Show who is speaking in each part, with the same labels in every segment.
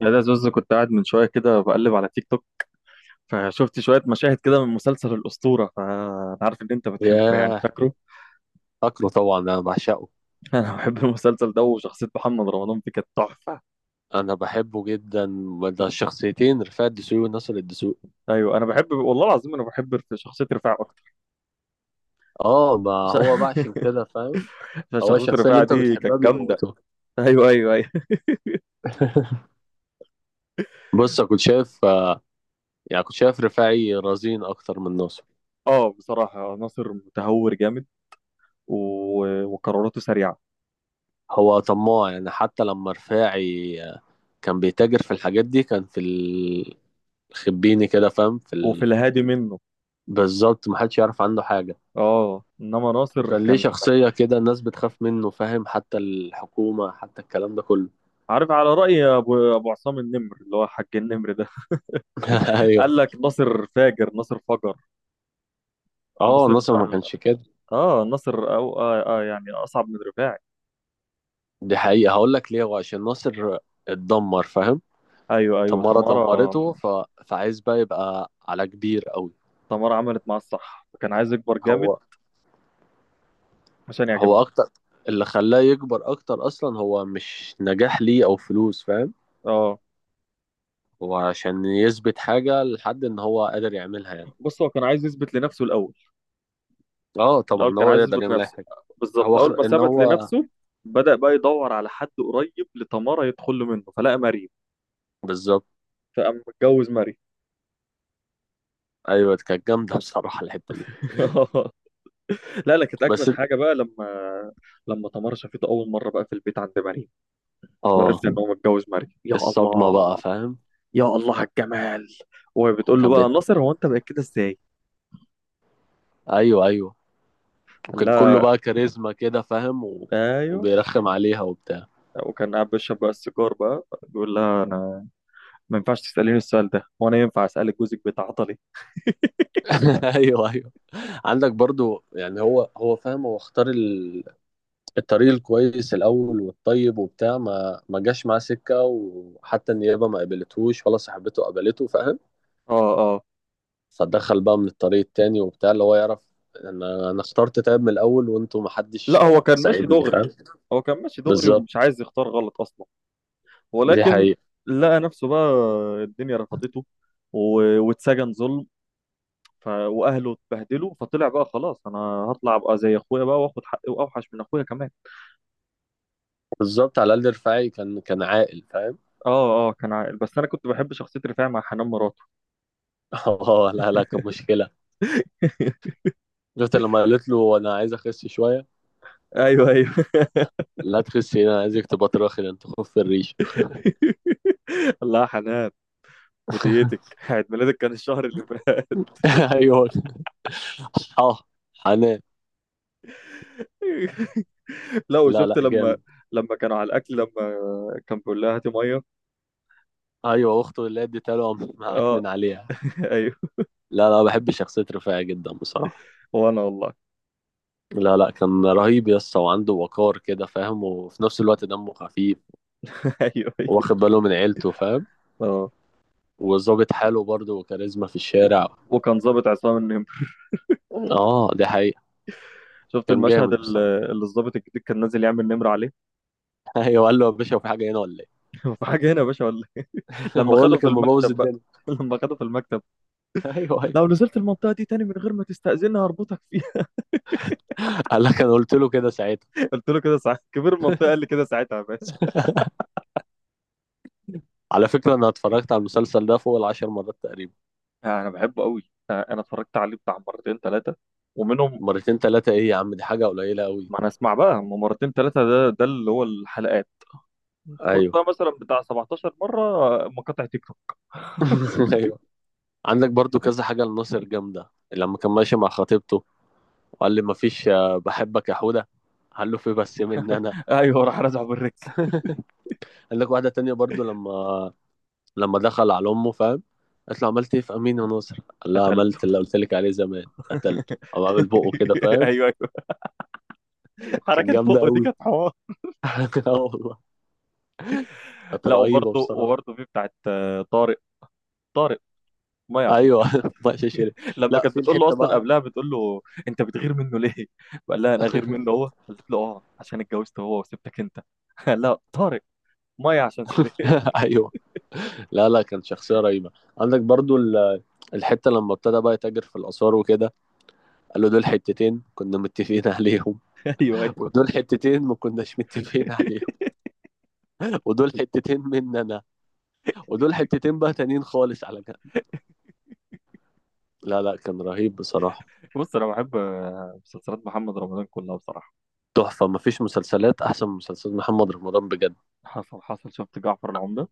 Speaker 1: يا ده زوز كنت قاعد من شويه كده بقلب على تيك توك. فشفت شويه مشاهد كده من مسلسل الاسطوره، فانا عارف ان انت بتحبه يعني
Speaker 2: ياه،
Speaker 1: فاكره.
Speaker 2: فاكره طبعا انا بعشقه.
Speaker 1: انا بحب المسلسل ده، وشخصيه محمد رمضان فيه كانت تحفه.
Speaker 2: انا بحبه جدا. ده الشخصيتين رفاعي الدسوقي وناصر الدسوقي.
Speaker 1: ايوه انا بحب والله العظيم، انا بحب شخصيه رفاعه اكتر.
Speaker 2: اه ما
Speaker 1: ش-
Speaker 2: هو بقى عشان كده فاهم. هو
Speaker 1: فشخصيه
Speaker 2: الشخصيه اللي
Speaker 1: رفاعه
Speaker 2: انت
Speaker 1: دي كانت
Speaker 2: بتحبها
Speaker 1: جامده.
Speaker 2: بيموتوها.
Speaker 1: ايوه ايوه ايوه.
Speaker 2: بص أنا كنت شايف يعني كنت شايف رفاعي رزين اكتر من ناصر.
Speaker 1: اه بصراحه ناصر متهور جامد و... وقراراته سريعه.
Speaker 2: هو طماع يعني حتى لما رفاعي كان بيتاجر في الحاجات دي كان في الخبيني كده فاهم في
Speaker 1: وفي الهادي منه.
Speaker 2: بالظبط محدش يعرف عنه حاجه.
Speaker 1: اه انما ناصر
Speaker 2: وكان ليه
Speaker 1: كان
Speaker 2: شخصيه كده الناس بتخاف منه فاهم حتى الحكومه حتى الكلام ده كله.
Speaker 1: عارف، على راي ابو عصام النمر اللي هو حاج النمر ده
Speaker 2: ايوه،
Speaker 1: قال لك ناصر فاجر ناصر فجر.
Speaker 2: اه
Speaker 1: ناصر
Speaker 2: ناصر ما
Speaker 1: اه،
Speaker 2: كانش كده.
Speaker 1: ناصر أو آه, اه يعني اصعب من رفاعي.
Speaker 2: دي حقيقة هقول لك ليه، هو عشان ناصر اتدمر فاهم.
Speaker 1: ايوه ايوه
Speaker 2: تمارا
Speaker 1: تمارا.
Speaker 2: دمرته فعايز بقى يبقى على كبير قوي.
Speaker 1: تمارا عملت معاه الصح، كان عايز يكبر جامد
Speaker 2: هو
Speaker 1: عشان يعجبها.
Speaker 2: هو اكتر اللي خلاه يكبر اكتر اصلا هو مش نجاح ليه او فلوس فاهم.
Speaker 1: اه
Speaker 2: هو عشان يثبت حاجة لحد ان هو قادر يعملها يعني.
Speaker 1: بص هو كان عايز يثبت لنفسه الاول.
Speaker 2: اه
Speaker 1: الاول
Speaker 2: طبعا
Speaker 1: كان
Speaker 2: هو
Speaker 1: عايز
Speaker 2: يقدر
Speaker 1: يثبت
Speaker 2: يعمل اي
Speaker 1: لنفسه.
Speaker 2: حاجة.
Speaker 1: بالظبط،
Speaker 2: هو
Speaker 1: اول ما
Speaker 2: ان
Speaker 1: ثبت
Speaker 2: هو
Speaker 1: لنفسه بدأ بقى يدور على حد قريب لتمارا يدخل له منه، فلقى مريم.
Speaker 2: بالظبط.
Speaker 1: فقام متجوز مريم.
Speaker 2: ايوه كانت جامدة بصراحة الحتة دي.
Speaker 1: لا لا كانت
Speaker 2: بس
Speaker 1: اجمد حاجه بقى لما، لما تمارا شافته اول مره بقى في البيت عند مريم،
Speaker 2: اه
Speaker 1: وعرفت ان هو متجوز مريم. يا
Speaker 2: الصدمة بقى
Speaker 1: الله،
Speaker 2: فاهم.
Speaker 1: يا الله على الجمال. وبتقول له
Speaker 2: وكان
Speaker 1: بقى
Speaker 2: بيت،
Speaker 1: ناصر، هو انت بقيت كده ازاي؟
Speaker 2: ايوه ايوه
Speaker 1: قال
Speaker 2: وكان كله
Speaker 1: لها
Speaker 2: بقى كاريزما كده فاهم و...
Speaker 1: ايوه.
Speaker 2: وبيرخم عليها وبتاع.
Speaker 1: وكان قاعد بيشرب بقى السيجار بقى، بيقول لها: انا ما ينفعش تسأليني السؤال ده، هو انا ينفع اسألك جوزك بيتعاطى ليه؟
Speaker 2: ايوه ايوه. عندك برضو يعني هو هو فاهم هو اختار الطريق الكويس الاول والطيب وبتاع، ما جاش معاه سكه وحتى النيابه ما قبلتهوش ولا صاحبته قبلته فاهم.
Speaker 1: اه اه.
Speaker 2: فدخل بقى من الطريق التاني وبتاع اللي هو يعرف. انا اخترت تاب من الاول وانتوا ما
Speaker 1: لا
Speaker 2: حدش
Speaker 1: هو كان ماشي
Speaker 2: ساعدني
Speaker 1: دغري.
Speaker 2: فاهم.
Speaker 1: هو كان ماشي دغري
Speaker 2: بالظبط.
Speaker 1: ومش عايز يختار غلط اصلا،
Speaker 2: دي
Speaker 1: ولكن
Speaker 2: حقيقة.
Speaker 1: لقى نفسه بقى الدنيا رفضته واتسجن ظلم، واهله اتبهدلوا، فطلع بقى خلاص انا هطلع ابقى زي اخويا بقى، واخد حقي واوحش من اخويا كمان.
Speaker 2: بالظبط، على الاقل رفاعي كان عاقل فاهم.
Speaker 1: اه اه كان عاقل، بس انا كنت بحب شخصيه رفاعي مع حنان مراد.
Speaker 2: اه لا لا كان مشكله. شفت لما قالت له انا عايز اخس شويه؟
Speaker 1: ايوه ايوه.
Speaker 2: لا تخسي انا عايزك تبقى تراخي ده انت خف الريش.
Speaker 1: الله يا حنان. هديتك، عيد ميلادك كان الشهر اللي فات.
Speaker 2: ايوه، اه حنان.
Speaker 1: لا
Speaker 2: لا
Speaker 1: وشفت
Speaker 2: لا جامد.
Speaker 1: لما كانوا على الاكل لما كان بيقول لها هاتي ميه.
Speaker 2: ايوه اخته اللي اديتها له قام
Speaker 1: اه.
Speaker 2: معكنن عليها.
Speaker 1: ايوه.
Speaker 2: لا لا بحب شخصيه رفاعي جدا بصراحه.
Speaker 1: وانا والله.
Speaker 2: لا لا كان رهيب يسطا وعنده وقار كده فاهم وفي نفس الوقت دمه خفيف.
Speaker 1: ايوه ايوه
Speaker 2: واخد باله من عيلته فاهم.
Speaker 1: اه.
Speaker 2: وظابط حاله برضه وكاريزما في
Speaker 1: و-
Speaker 2: الشارع.
Speaker 1: وكان ظابط عصام النمر.
Speaker 2: اه دي حقيقه.
Speaker 1: شفت
Speaker 2: كان
Speaker 1: المشهد
Speaker 2: جامد بصراحه.
Speaker 1: اللي الظابط الجديد كان نازل يعمل نمر عليه.
Speaker 2: ايوه، قال له يا باشا في حاجه هنا ولا ايه؟
Speaker 1: في حاجه هنا يا باشا ولا إيه؟ لما
Speaker 2: هو اللي
Speaker 1: خده في
Speaker 2: كان مبوظ
Speaker 1: المكتب بقى،
Speaker 2: الدنيا.
Speaker 1: لما خده في المكتب:
Speaker 2: ايوه،
Speaker 1: لو نزلت المنطقه دي تاني من غير ما تستأذني هربطك فيها.
Speaker 2: قال لك انا قلت له كده ساعتها.
Speaker 1: قلت له كده ساعتها، كبير المنطقه قال لي كده ساعتها يا باشا.
Speaker 2: على فكره انا اتفرجت على المسلسل ده فوق العشر مرات تقريبا.
Speaker 1: انا بحبه قوي. انا اتفرجت عليه بتاع مرتين ثلاثه، ومنهم.
Speaker 2: مرتين ثلاثه ايه يا عم؟ دي حاجه قليله قوي.
Speaker 1: ما انا اسمع بقى، هم مرتين ثلاثه ده اللي هو الحلقات، خد
Speaker 2: ايوه،
Speaker 1: بقى مثلا بتاع 17 مره مقاطع تيك توك.
Speaker 2: ايوه. عندك برضو كذا حاجه لناصر جامده، لما كان ماشي مع خطيبته وقال لي مفيش بحبك يا حوده، قال له في بس مني انا.
Speaker 1: ايوه راح رازعه بالريك.
Speaker 2: قال لك واحده تانية برضو لما دخل على امه فاهم، قالت له عملت ايه في امين يا ناصر؟ قال لها
Speaker 1: قتلته.
Speaker 2: عملت اللي قلت لك عليه زمان قتلته او عامل بقه كده فاهم.
Speaker 1: ايوه ايوه،
Speaker 2: كانت
Speaker 1: حركه
Speaker 2: جامده
Speaker 1: بقه دي
Speaker 2: قوي.
Speaker 1: كانت حوار.
Speaker 2: اه والله كانت
Speaker 1: لا
Speaker 2: رهيبه
Speaker 1: وبرضه
Speaker 2: بصراحه.
Speaker 1: في بتاعت طارق. طارق ميه عشان
Speaker 2: ايوه،
Speaker 1: سيرك.
Speaker 2: بقى شيري.
Speaker 1: لما
Speaker 2: لا
Speaker 1: كانت
Speaker 2: في
Speaker 1: بتقول له
Speaker 2: الحته
Speaker 1: اصلا،
Speaker 2: بقى.
Speaker 1: قبلها بتقول له: انت بتغير منه ليه؟ قال لها انا غير منه هو، قالت له اه عشان اتجوزت هو وسبتك انت. قال لها: طارق ميه عشان سيرك.
Speaker 2: ايوه، لا لا كان شخصيه رهيبه. عندك برضو الحته لما ابتدى بقى يتاجر في الاثار وكده. قال له دول حتتين كنا متفقين عليهم،
Speaker 1: ايوه ايوه.
Speaker 2: ودول حتتين ما كناش متفقين عليهم، ودول حتتين مننا، ودول حتتين بقى تانيين خالص على جنب. لا لا كان رهيب بصراحه.
Speaker 1: بص انا بحب مسلسلات محمد رمضان كلها بصراحه.
Speaker 2: تحفه، ما فيش مسلسلات احسن من مسلسلات محمد رمضان بجد.
Speaker 1: حصل حصل، شفت جعفر العمده.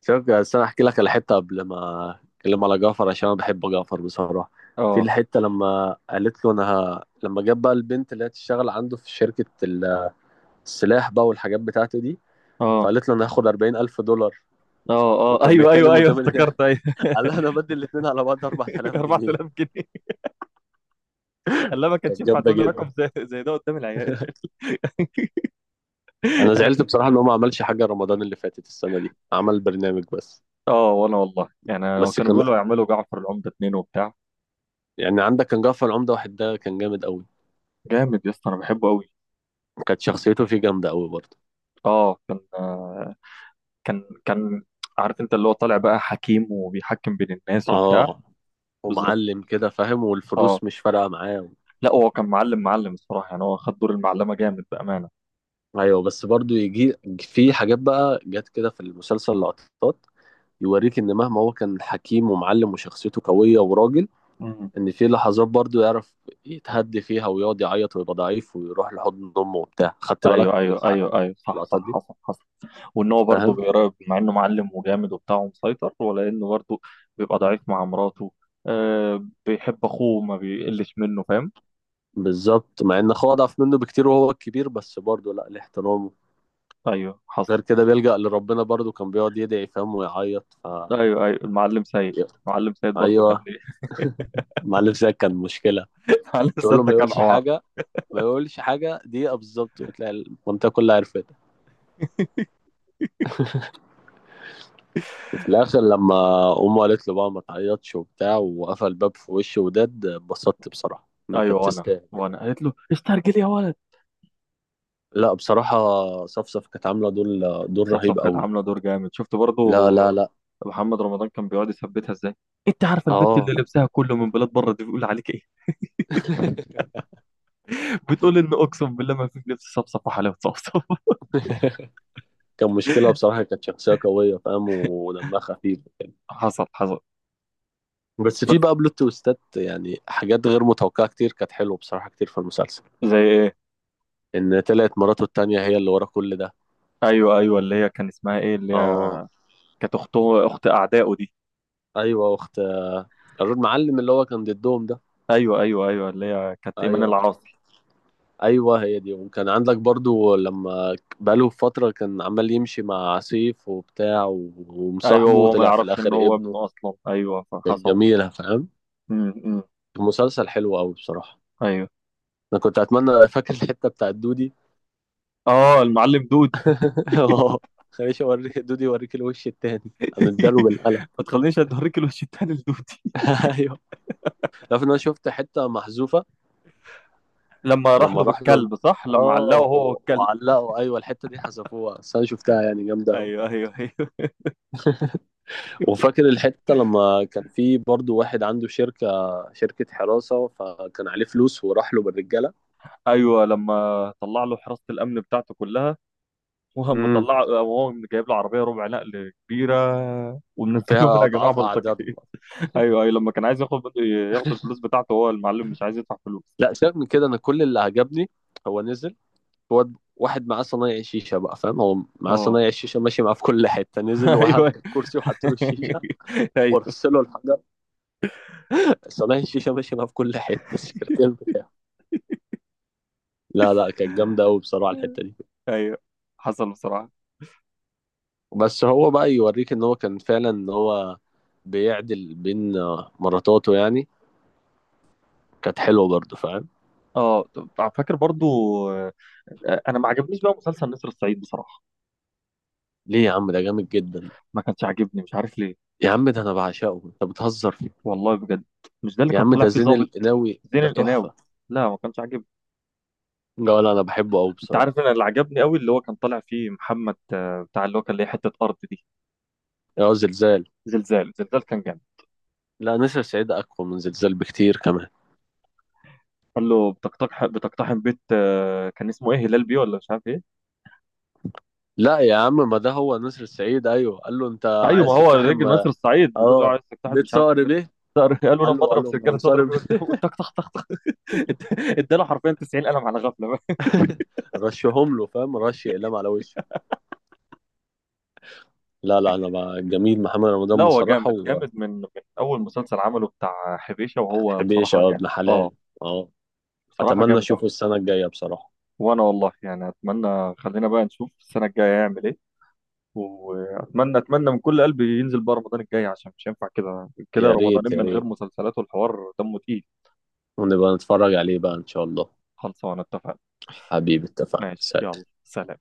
Speaker 2: شوف بس انا احكي لك على حته قبل ما اتكلم على جعفر عشان انا بحب جعفر بصراحه. في
Speaker 1: اه
Speaker 2: الحته لما قالت له انا لما جاب بقى البنت اللي هي تشتغل عنده في شركه السلاح بقى والحاجات بتاعته دي،
Speaker 1: اه
Speaker 2: فقالت له انا هاخد $40,000
Speaker 1: اه اه
Speaker 2: وكان
Speaker 1: ايوه ايوه
Speaker 2: بيتكلم
Speaker 1: ايوه
Speaker 2: قدام
Speaker 1: افتكرت ايوه.
Speaker 2: قال لها انا بدي الاثنين على بعض 4,000 جنيه.
Speaker 1: 4000 جنيه. قال: ما كانش
Speaker 2: كانت
Speaker 1: ينفع
Speaker 2: جامده
Speaker 1: تقول لي رقم
Speaker 2: جدا.
Speaker 1: زي ده قدام العيال.
Speaker 2: انا
Speaker 1: أنا-
Speaker 2: زعلت بصراحه ان هو ما عملش حاجه رمضان اللي فاتت، السنه دي عمل برنامج بس.
Speaker 1: اه وانا والله يعني، لو
Speaker 2: بس
Speaker 1: كانوا
Speaker 2: كان
Speaker 1: بيقولوا يعملوا جعفر العمده اتنين وبتاع.
Speaker 2: يعني عندك كان جعفر العمده واحد ده كان جامد قوي.
Speaker 1: جامد يا اسطى، انا بحبه قوي.
Speaker 2: كانت شخصيته فيه جامده قوي برضه.
Speaker 1: اه كان كان عارف، انت اللي هو طالع بقى حكيم وبيحكم بين الناس وبتاع.
Speaker 2: اه
Speaker 1: بالظبط
Speaker 2: ومعلم كده فاهم
Speaker 1: اه.
Speaker 2: والفلوس مش فارقة معاه.
Speaker 1: لا هو كان معلم معلم الصراحه يعني، هو خد دور المعلمه جامد بامانه.
Speaker 2: ايوه بس برضو يجي في حاجات بقى جت كده في المسلسل لقطات يوريك ان مهما هو كان حكيم ومعلم وشخصيته قوية وراجل،
Speaker 1: مم.
Speaker 2: ان في لحظات برضو يعرف يتهدي فيها ويقعد يعيط ويبقى ضعيف ويروح لحضن امه وبتاع. خدت بالك
Speaker 1: ايوه
Speaker 2: من
Speaker 1: ايوه
Speaker 2: الحق
Speaker 1: ايوه ايوه صح صح،
Speaker 2: اللقطات دي
Speaker 1: حصل حصل. وان هو برضه
Speaker 2: فاهم.
Speaker 1: بيراقب، مع انه معلم وجامد وبتاع ومسيطر، ولا انه برضه بيبقى ضعيف مع مراته. آه بيحب اخوه ما بيقلش منه فاهم.
Speaker 2: بالظبط مع ان اخوه اضعف منه بكتير وهو الكبير بس برضو لا ليه احترامه.
Speaker 1: ايوه حصل.
Speaker 2: غير كده بيلجأ لربنا برضو كان بيقعد يدعي فاهم ويعيط
Speaker 1: ايوه ايوه المعلم سيد، المعلم سيد برضه
Speaker 2: ايوه.
Speaker 1: كان ليه.
Speaker 2: معلم زي كان مشكلة.
Speaker 1: المعلم
Speaker 2: تقول له
Speaker 1: سيد ده
Speaker 2: ما
Speaker 1: كان
Speaker 2: يقولش
Speaker 1: عوار.
Speaker 2: حاجه، ما يقولش حاجه دقيقه بالظبط وتلاقي المنطقه كلها عرفت. في الاخر لما امه قالت له بقى ما تعيطش وبتاع وقفل الباب في وشه، وداد اتبسطت بصراحه انا،
Speaker 1: ايوه،
Speaker 2: كانت
Speaker 1: وانا
Speaker 2: تستاهل.
Speaker 1: وانا قالت له استرجل يا ولد.
Speaker 2: لا بصراحه صفصف كانت عامله دور
Speaker 1: صفصف
Speaker 2: رهيب
Speaker 1: كانت
Speaker 2: قوي.
Speaker 1: عامله دور جامد. شفت برضو
Speaker 2: لا لا لا
Speaker 1: محمد رمضان كان بيقعد يثبتها ازاي؟ انت عارفه البت اللي
Speaker 2: اه.
Speaker 1: لبسها كله من بلاد بره دي بيقول عليك ايه؟ بتقول ان اقسم بالله، ما في لبس صفصف وحلاوه صفصف.
Speaker 2: كان مشكلة بصراحة، كانت شخصية قوية فاهم ودمها خفيف.
Speaker 1: حصل حصل.
Speaker 2: بس في
Speaker 1: بس
Speaker 2: بقى بلوت تويستات يعني حاجات غير متوقعة كتير كانت حلوة بصراحة كتير في المسلسل.
Speaker 1: زي ايه؟
Speaker 2: إن طلعت مراته التانية هي اللي ورا كل ده.
Speaker 1: ايوه ايوه، اللي هي كان اسمها ايه، اللي هي
Speaker 2: اه
Speaker 1: كانت اخته، اخت اعدائه دي.
Speaker 2: ايوه اخت المعلم اللي هو كان ضدهم ده.
Speaker 1: ايوه ايوه ايوه اللي هي كانت ايمان
Speaker 2: ايوه
Speaker 1: العاصي.
Speaker 2: ايوه هي دي. وكان عندك برضو لما بقاله فتره كان عمال يمشي مع سيف وبتاع و-
Speaker 1: ايوه
Speaker 2: ومصاحبه
Speaker 1: وهو ما
Speaker 2: وطلع في
Speaker 1: يعرفش ان
Speaker 2: الاخر
Speaker 1: هو
Speaker 2: ابنه.
Speaker 1: ابنه اصلا، ايوه
Speaker 2: كان
Speaker 1: فحصل.
Speaker 2: جميله فاهم.
Speaker 1: إمم.
Speaker 2: المسلسل حلو قوي بصراحه.
Speaker 1: ايوه
Speaker 2: انا كنت اتمنى، فاكر الحته بتاعت دودي؟
Speaker 1: اه المعلم دود.
Speaker 2: اه خليش اوريك دودي يوريك الوش التاني. انا اداله بالقلم.
Speaker 1: ما تخلينيش اوريك الوش التاني لدود.
Speaker 2: ايوه. عارف ان انا شفت حته محذوفه
Speaker 1: لما راح
Speaker 2: لما
Speaker 1: له
Speaker 2: راح له.
Speaker 1: بالكلب صح، لما
Speaker 2: اه
Speaker 1: علقه هو
Speaker 2: و-
Speaker 1: والكلب.
Speaker 2: وعلقوا ايوه، الحته دي حذفوها بس انا شفتها يعني جامده قوي.
Speaker 1: ايوه ايوه ايوه
Speaker 2: وفاكر الحتة لما كان في برضو واحد عنده شركة حراسة، فكان عليه فلوس وراح له بالرجالة.
Speaker 1: ايوه. لما طلع له حراسه الامن بتاعته كلها، وهم
Speaker 2: امم،
Speaker 1: طلع وهو جايب له عربيه ربع نقل كبيره، ومنزله
Speaker 2: فيها
Speaker 1: منها يا جماعه
Speaker 2: أضعاف
Speaker 1: بلطجيه.
Speaker 2: أعدادهم.
Speaker 1: ايوه ايوه لما كان عايز ياخد، ياخد الفلوس بتاعته، هو المعلم مش عايز يدفع فلوس.
Speaker 2: لا سيبك من كده، أنا كل اللي عجبني هو نزل، هو واحد معاه صنايع شيشة بقى فاهم، هو معاه
Speaker 1: اه.
Speaker 2: صنايع شيشة ماشي معاه في كل حتة، نزل وقعد
Speaker 1: ايوه.
Speaker 2: على الكرسي وحط له الشيشة
Speaker 1: ايوه
Speaker 2: ورص له الحجر، صنايع الشيشة ماشي معاه في كل حتة السكرتير بتاعه. لا لا كانت جامدة أوي بصراحة الحتة دي.
Speaker 1: ايوه حصل بصراحه.
Speaker 2: بس هو بقى يوريك ان هو كان فعلا ان هو بيعدل بين مراتاته يعني. كانت حلوه برضه فاهم.
Speaker 1: اه طب فاكر برضو، آه، انا ما عجبنيش بقى مسلسل نسر الصعيد بصراحه.
Speaker 2: ليه يا عم؟ ده جامد جدا.
Speaker 1: ما كانش عاجبني مش عارف ليه.
Speaker 2: يا عم ده انا بعشقه، انت بتهزر فيه؟
Speaker 1: والله بجد. مش ده اللي
Speaker 2: يا
Speaker 1: كان
Speaker 2: عم
Speaker 1: طالع
Speaker 2: ده
Speaker 1: فيه
Speaker 2: زين
Speaker 1: ظابط؟
Speaker 2: القناوي
Speaker 1: زين
Speaker 2: ده
Speaker 1: القناوي.
Speaker 2: تحفه.
Speaker 1: لا ما كانش عاجبني.
Speaker 2: لا ولا انا بحبه قوي
Speaker 1: انت
Speaker 2: بصراحه.
Speaker 1: عارف انا اللي عجبني قوي، اللي هو كان طالع فيه محمد، بتاع اللي هو كان ليه حته ارض دي.
Speaker 2: يا زلزال؟
Speaker 1: زلزال. زلزال كان جامد.
Speaker 2: لا نسر سعيد اقوى من زلزال بكتير كمان.
Speaker 1: قال له بتقتحم بتقتحم بيت كان اسمه ايه، هلال بيه ولا مش عارف ايه.
Speaker 2: لا يا عم ما ده هو نسر سعيد، ايوه قال له انت
Speaker 1: ايوه ما
Speaker 2: عايز
Speaker 1: هو
Speaker 2: تقتحم
Speaker 1: الراجل ناصر السعيد بتقول له
Speaker 2: اه
Speaker 1: عايز تقتحم،
Speaker 2: بيت
Speaker 1: مش عارف
Speaker 2: صقر
Speaker 1: بيت
Speaker 2: بيه،
Speaker 1: صقر. قال له لما
Speaker 2: قال له قال
Speaker 1: اضرب
Speaker 2: له لو
Speaker 1: سجاده صدر
Speaker 2: صقر
Speaker 1: بيه قدامه
Speaker 2: بيه.
Speaker 1: تك تك تك تك. اداله حرفيا 90 قلم على غفله.
Speaker 2: رشهم له فاهم، رش اقلام على وشه. لا لا انا بقى جميل محمد
Speaker 1: لا
Speaker 2: رمضان
Speaker 1: هو
Speaker 2: بصراحه.
Speaker 1: جامد جامد من اول مسلسل عمله بتاع حبيشه، وهو
Speaker 2: وحبيش
Speaker 1: بصراحه
Speaker 2: اه
Speaker 1: جامد.
Speaker 2: ابن
Speaker 1: اه
Speaker 2: حلال. اه.
Speaker 1: بصراحه
Speaker 2: اتمنى
Speaker 1: جامد
Speaker 2: اشوفه
Speaker 1: أوي.
Speaker 2: السنه الجايه بصراحه.
Speaker 1: وانا والله يعني، اتمنى خلينا بقى نشوف السنه الجايه يعمل ايه. واتمنى، اتمنى من كل قلبي ينزل بقى رمضان الجاي، عشان مش هينفع كده كده
Speaker 2: يا ريت
Speaker 1: رمضانين
Speaker 2: يا
Speaker 1: من غير
Speaker 2: ريت،
Speaker 1: مسلسلات والحوار دمه تقيل.
Speaker 2: ونبقى نتفرج عليه بقى ان شاء الله.
Speaker 1: خلصانه اتفقنا.
Speaker 2: حبيبي اتفقنا،
Speaker 1: ماشي
Speaker 2: سلام.
Speaker 1: يلا، سلام.